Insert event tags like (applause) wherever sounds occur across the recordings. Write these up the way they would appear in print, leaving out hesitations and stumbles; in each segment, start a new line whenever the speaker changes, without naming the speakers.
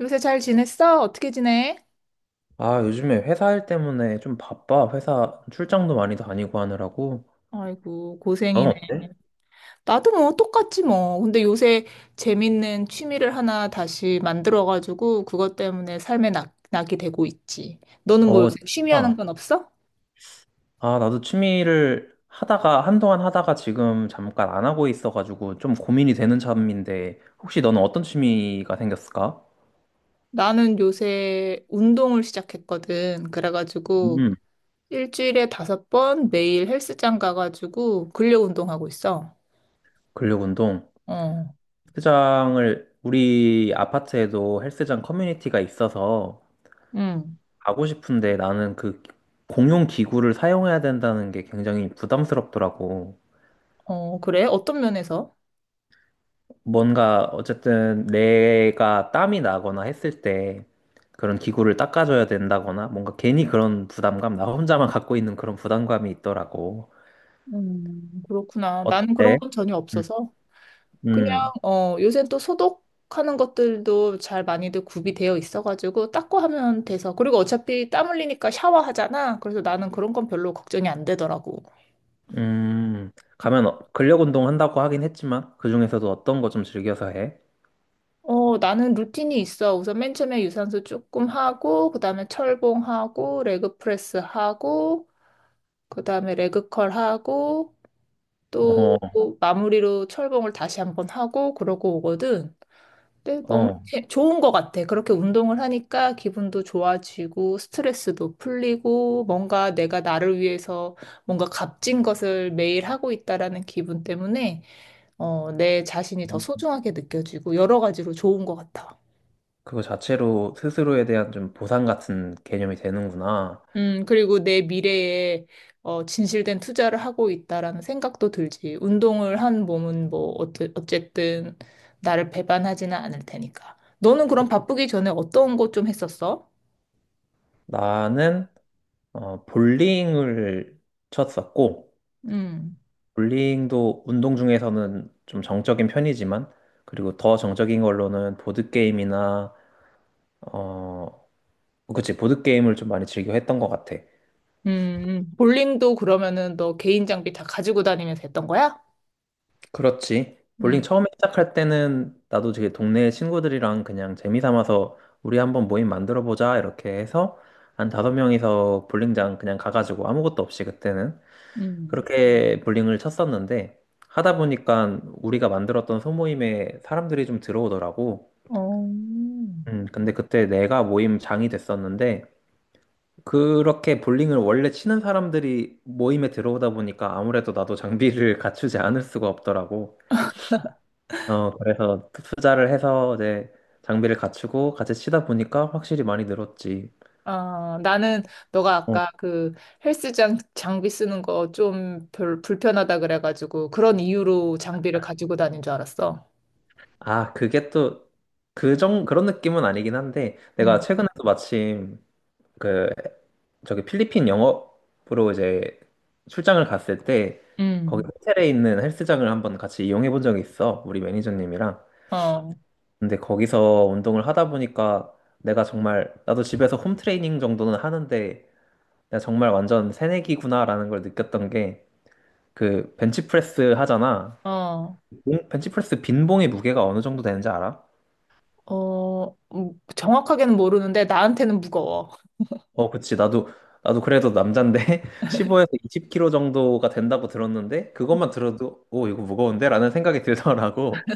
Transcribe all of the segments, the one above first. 요새 잘 지냈어? 어떻게 지내?
아, 요즘에 회사 일 때문에 좀 바빠. 회사 출장도 많이 다니고 하느라고.
아이고,
너는
고생이네.
어때?
나도 뭐 똑같지 뭐. 근데 요새 재밌는 취미를 하나 다시 만들어가지고 그것 때문에 삶에 낙이 되고 있지. 너는 뭐
어,
요새 취미 하는
진짜.
건 없어?
아, 나도 취미를 하다가, 한동안 하다가 지금 잠깐 안 하고 있어가지고 좀 고민이 되는 참인데, 혹시 너는 어떤 취미가 생겼을까?
나는 요새 운동을 시작했거든. 그래가지고
음,
일주일에 5번 매일 헬스장 가가지고 근력 운동하고 있어.
근력 운동.
어,
헬스장을, 우리 아파트에도 헬스장 커뮤니티가 있어서
응.
가고 싶은데 나는 그 공용 기구를 사용해야 된다는 게 굉장히 부담스럽더라고.
어, 그래? 어떤 면에서?
뭔가 어쨌든 내가 땀이 나거나 했을 때 그런 기구를 닦아줘야 된다거나 뭔가 괜히 그런 부담감, 나 혼자만 갖고 있는 그런 부담감이 있더라고.
그렇구나. 나는 그런
어때?
건 전혀
음,
없어서. 그냥
음,
요새 또 소독하는 것들도 잘 많이들 구비되어 있어가지고 닦고 하면 돼서, 그리고 어차피 땀 흘리니까 샤워하잖아. 그래서 나는 그런 건 별로 걱정이 안 되더라고.
음. 가면 근력 운동 한다고 하긴 했지만 그중에서도 어떤 거 좀 즐겨서 해?
어, 나는 루틴이 있어. 우선 맨 처음에 유산소 조금 하고, 그다음에 철봉하고 레그 프레스 하고, 그다음에 레그 컬 하고, 또
어,
마무리로 철봉을 다시 한번 하고 그러고 오거든. 근데 너무
어.
좋은 것 같아. 그렇게 운동을 하니까 기분도 좋아지고 스트레스도 풀리고, 뭔가 내가 나를 위해서 뭔가 값진 것을 매일 하고 있다라는 기분 때문에 어, 내 자신이 더 소중하게 느껴지고 여러 가지로 좋은 것 같아.
그거 자체로 스스로에 대한 좀 보상 같은 개념이 되는구나.
그리고 내 미래에 어, 진실된 투자를 하고 있다라는 생각도 들지. 운동을 한 몸은 뭐 어쨌든 나를 배반하지는 않을 테니까. 너는 그럼
그-
바쁘기 전에 어떤 거 좀 했었어?
나는 어, 볼링을 쳤었고
음.
볼링도 운동 중에서는 좀 정적인 편이지만, 그리고 더 정적인 걸로는 보드게임이나, 어, 그치, 보드게임을 좀 많이 즐겨 했던 것 같아.
볼링도 그러면은 너 개인 장비 다 가지고 다니면서 했던 거야?
그렇지. 볼링
음,
처음에 시작할 때는 나도 되게 동네 친구들이랑 그냥 재미 삼아서 우리 한번 모임 만들어 보자, 이렇게 해서 한 다섯 명이서 볼링장 그냥 가가지고 아무것도 없이 그때는
음.
그렇게 볼링을 쳤었는데, 하다 보니까 우리가 만들었던 소모임에 사람들이 좀 들어오더라고.
어.
근데 그때 내가 모임 장이 됐었는데, 그렇게 볼링을 원래 치는 사람들이 모임에 들어오다 보니까 아무래도 나도 장비를 (laughs) 갖추지 않을 수가 없더라고. 어, 그래서 투자를 해서 이제 장비를 갖추고 같이 치다 보니까 확실히 많이 늘었지.
아, 나는 너가
어.
아까 그 헬스장 장비 쓰는 거 좀 별 불편하다 그래가지고 그런 이유로 장비를 가지고 다닌 줄 알았어.
아, 그게 또, 그런 느낌은 아니긴 한데, 내가
음,
최근에도 마침 그 저기 필리핀 영업으로 이제 출장을 갔을 때 거기
음.
호텔에 있는 헬스장을 한번 같이 이용해 본 적이 있어. 우리 매니저님이랑.
어,
근데 거기서 운동을 하다 보니까 내가 정말 나도 집에서 홈 트레이닝 정도는 하는데 내가 정말 완전 새내기구나라는 걸 느꼈던 게 그 벤치프레스 하잖아.
어,
벤치프레스 빈 봉의 무게가 어느 정도 되는지 알아?
어, 정확하게는 모르는데 나한테는 무거워.
어, 그치. 나도 그래도 남잔데, (laughs) 15에서 20kg 정도가 된다고 들었는데, 그것만 들어도, 오, 이거 무거운데? 라는 생각이 들더라고.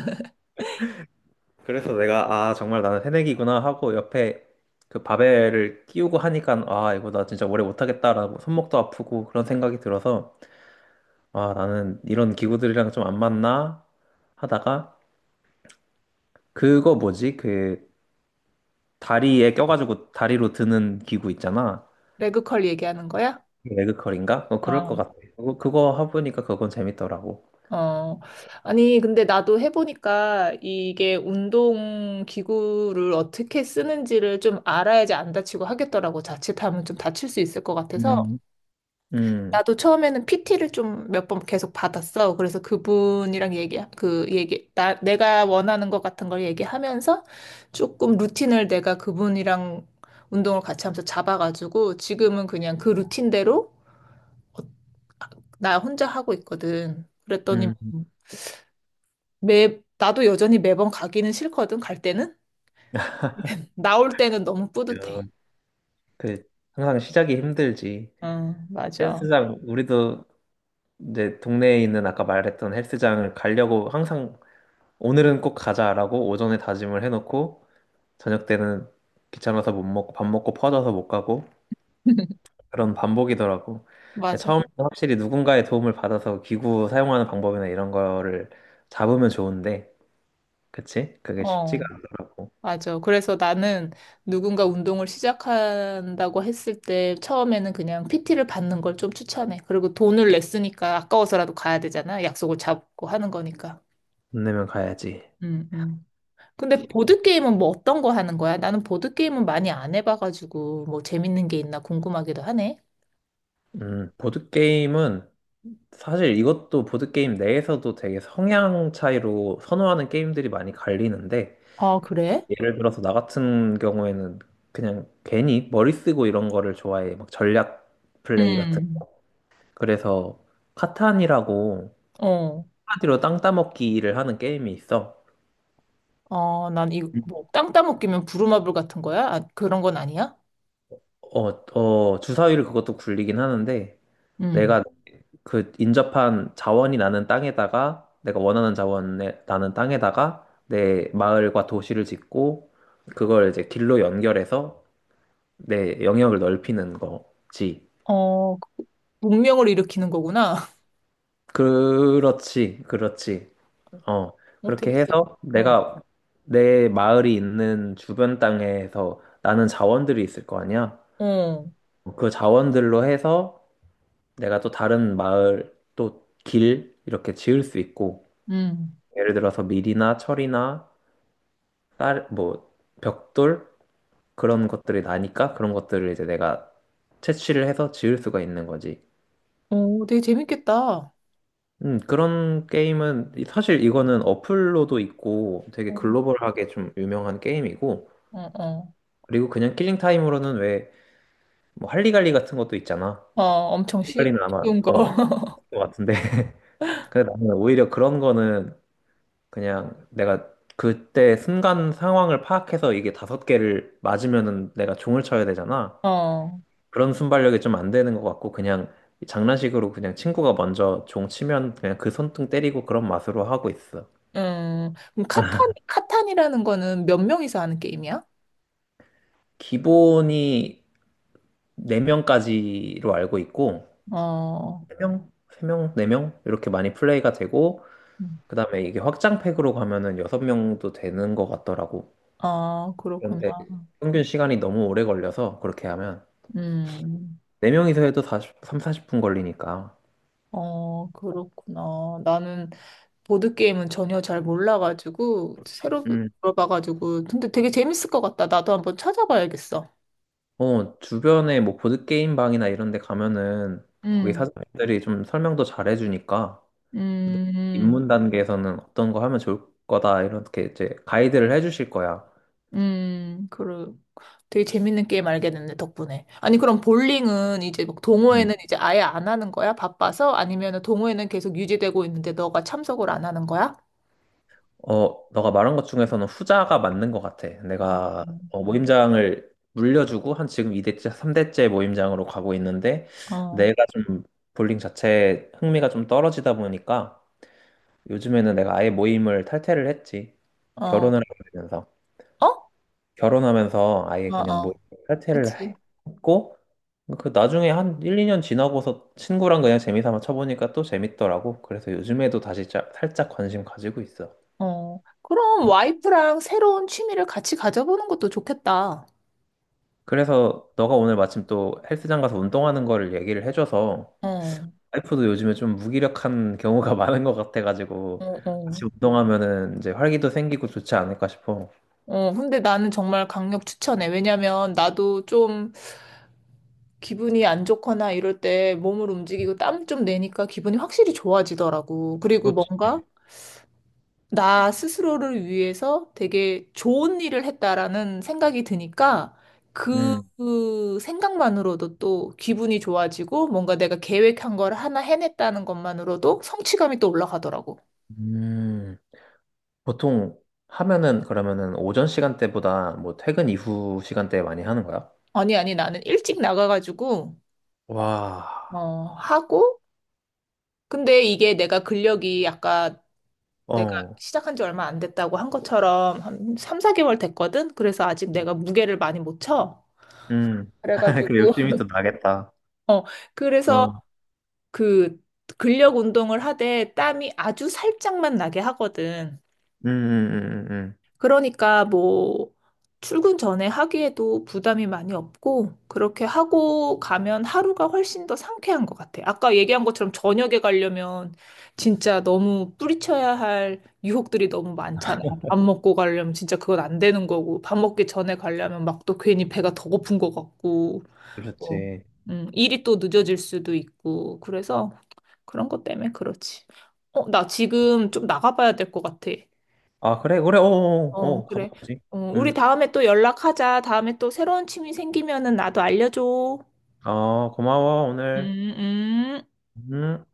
그래서 내가, 아, 정말 나는 새내기구나 하고, 옆에 그 바벨을 끼우고 하니까, 아, 이거 나 진짜 오래 못하겠다라고, 손목도 아프고, 그런 생각이 들어서, 아, 나는 이런 기구들이랑 좀 안 맞나? 하다가, 그거 뭐지? 그, 다리에 껴가지고 다리로 드는 기구 있잖아.
레그컬 얘기하는 거야?
그 레그컬인가? 어, 그럴 것
어,
같아. 그거 해보니까 그건 재밌더라고.
어, 아니, 근데 나도 해보니까 이게 운동 기구를 어떻게 쓰는지를 좀 알아야지 안 다치고 하겠더라고. 자칫하면 좀 다칠 수 있을 것 같아서.
음, 음,
나도 처음에는 PT를 좀 몇 번 계속 받았어. 그래서 그분이랑 얘기, 그 얘기, 나, 내가 원하는 것 같은 걸 얘기하면서 조금 루틴을 내가 그분이랑 운동을 같이 하면서 잡아가지고, 지금은 그냥 그 루틴대로 나 혼자 하고 있거든. 그랬더니
음.
나도 여전히 매번 가기는 싫거든, 갈 때는. 나올 때는 너무
그,
뿌듯해.
그, 항상 시작이 힘들지.
응, 맞아.
헬스장, 우리도 이제 동네에 있는 아까 말했던 헬스장을 가려고 항상 오늘은 꼭 가자라고 오전에 다짐을 해놓고 저녁 때는 귀찮아서 못 먹고 밥 먹고 퍼져서 못 가고
(laughs)
그런 반복이더라고.
맞아.
처음 확실히 누군가의 도움을 받아서 기구 사용하는 방법이나 이런 거를 잡으면 좋은데, 그치? 그게 쉽지가
어,
않더라고.
맞아. 그래서 나는 누군가 운동을 시작한다고 했을 때 처음에는 그냥 PT를 받는 걸 좀 추천해. 그리고 돈을 냈으니까 아까워서라도 가야 되잖아. 약속을 잡고 하는 거니까.
돈 내면 가야지.
음, 음. 근데 보드게임은 뭐 어떤 거 하는 거야? 나는 보드게임은 많이 안 해봐가지고 뭐 재밌는 게 있나 궁금하기도 하네.
보드게임은 사실 이것도 보드게임 내에서도 되게 성향 차이로 선호하는 게임들이 많이 갈리는데,
아, 그래?
예를 들어서 나 같은 경우에는 그냥 괜히 머리 쓰고 이런 거를 좋아해. 막 전략 플레이 같은.
음.
그래서 카탄이라고
어.
한마디로 땅 따먹기를 하는 게임이 있어.
어, 난 이,
음.
뭐, 땅 따먹기면 부루마블 같은 거야? 아, 그런 건 아니야?
어, 어, 주사위를 그것도 굴리긴 하는데,
음.
내가 그 인접한 자원이 나는 땅에다가 내가 원하는 자원에 나는 땅에다가 내 마을과 도시를 짓고 그걸 이제 길로 연결해서 내 영역을 넓히는 거지.
어, 그 문명을 일으키는 거구나. (laughs)
그렇지, 그렇지. 어,
어,
그렇게
되게 재밌,
해서
어,
내가 내 마을이 있는 주변 땅에서 나는 자원들이 있을 거 아니야.
어,
그 자원들로 해서 내가 또 다른 마을, 또 길 이렇게 지을 수 있고
음.
예를 들어서 밀이나 철이나 딸, 뭐, 벽돌? 그런 것들이 나니까 그런 것들을 이제 내가 채취를 해서 지을 수가 있는 거지.
어, 되게 재밌겠다. 어,
그런 게임은, 사실 이거는 어플로도 있고 되게 글로벌하게 좀 유명한 게임이고,
어, 어.
그리고 그냥 킬링 타임으로는 왜, 뭐, 할리갈리 같은 것도 있잖아.
어, 엄청 쉬,
할리갈리는 아마,
쉬운 거.
어,
(laughs)
것 같은데. (laughs) 근데 나는 오히려 그런 거는 그냥 내가 그때 순간 상황을 파악해서 이게 다섯 개를 맞으면은 내가 종을 쳐야 되잖아.
어,
그런 순발력이 좀 안 되는 것 같고 그냥 장난식으로 그냥 친구가 먼저 종 치면 그냥 그 손등 때리고 그런 맛으로 하고 있어.
그럼 카탄이라는 거는 몇 명이서 하는 게임이야?
기본이 4명까지로 알고 있고
어,
3명, 4명 이렇게 많이 플레이가 되고
음.
그다음에 이게 확장팩으로 가면은 6명도 되는 것 같더라고.
아, 그렇구나.
그런데 평균 시간이 너무 오래 걸려서 그렇게 하면
음,
4명이서 해도 40분 걸리니까.
어, 그렇구나. 나는 보드게임은 전혀 잘 몰라가지고, 새로
음,
들어봐가지고. 근데 되게 재밌을 것 같다. 나도 한번 찾아봐야겠어.
어, 주변에 뭐 보드게임 방이나 이런 데 가면은 거기
음,
사장님들이 좀 설명도 잘 해주니까
음,
입문 단계에서는 어떤 거 하면 좋을 거다 이렇게 이제 가이드를 해주실 거야.
그래. 되게 재밌는 게임 알게 됐네, 덕분에. 아니, 그럼 볼링은 이제 막
음.
동호회는 이제 아예 안 하는 거야? 바빠서? 아니면 동호회는 계속 유지되고 있는데 너가 참석을 안 하는 거야?
어, 너가 말한 것 중에서는 후자가 맞는 것 같아.
어,
내가 어, 모임장을 물려주고 한 지금 2대째, 3대째 모임장으로 가고 있는데
어,
내가 좀 볼링 자체에 흥미가 좀 떨어지다 보니까 요즘에는 내가 아예 모임을 탈퇴를 했지.
어,
결혼을
어?
하면서. 결혼하면서 아예
어,
그냥 뭐
어.
탈퇴를
그치.
했고 그 나중에 한 1, 2년 지나고서 친구랑 그냥 재미삼아 쳐보니까 또 재밌더라고. 그래서 요즘에도 다시 살짝 관심 가지고 있어.
어. 그럼 와이프랑 새로운 취미를 같이 가져보는 것도 좋겠다.
그래서 너가 오늘 마침 또 헬스장 가서 운동하는 거를 얘기를 해줘서
어.
와이프도 요즘에 좀 무기력한 경우가 (laughs) 많은 것
어,
같아가지고
어.
같이 운동하면은 이제 활기도 생기고 좋지 않을까 싶어.
어, 근데 나는 정말 강력 추천해. 왜냐면 나도 좀 기분이 안 좋거나 이럴 때 몸을 움직이고 땀 좀 내니까 기분이 확실히 좋아지더라고. 그리고
그렇지.
뭔가 나 스스로를 위해서 되게 좋은 일을 했다라는 생각이 드니까
음.
그 생각만으로도 또 기분이 좋아지고, 뭔가 내가 계획한 걸 하나 해냈다는 것만으로도 성취감이 또 올라가더라고.
음. 보통 하면은 그러면은 오전 시간대보다 뭐 퇴근 이후 시간대에 많이 하는 거야?
아니, 아니, 나는 일찍 나가가지고
와,
어, 하고, 근데 이게 내가 근력이 아까 내가
어,
시작한 지 얼마 안 됐다고 한 것처럼 한 3, 4개월 됐거든? 그래서 아직 내가 무게를 많이 못 쳐.
음. (laughs) 그
그래가지고,
욕심이 또
(laughs)
나겠다.
어, 그래서
어,
그 근력 운동을 하되 땀이 아주 살짝만 나게 하거든.
음.
그러니까 뭐 출근 전에 하기에도 부담이 많이 없고, 그렇게 하고 가면 하루가 훨씬 더 상쾌한 것 같아. 아까 얘기한 것처럼 저녁에 가려면 진짜 너무 뿌리쳐야 할 유혹들이 너무 많잖아. 밥 먹고 가려면 진짜 그건 안 되는 거고, 밥 먹기 전에 가려면 막 또 괜히 배가 더 고픈 것 같고 뭐,
그렇지.
일이 또 늦어질 수도 있고, 그래서 그런 것 때문에 그렇지. 어, 나 지금 좀 나가봐야 될 것 같아.
아, 그래, 그래, 어, 어,
어,
어,
그래.
가봐야지.
어, 우리
음,
다음에 또 연락하자. 다음에 또 새로운 취미 생기면은 나도 알려줘.
아, 고마워,
음,
오늘.
음.
음.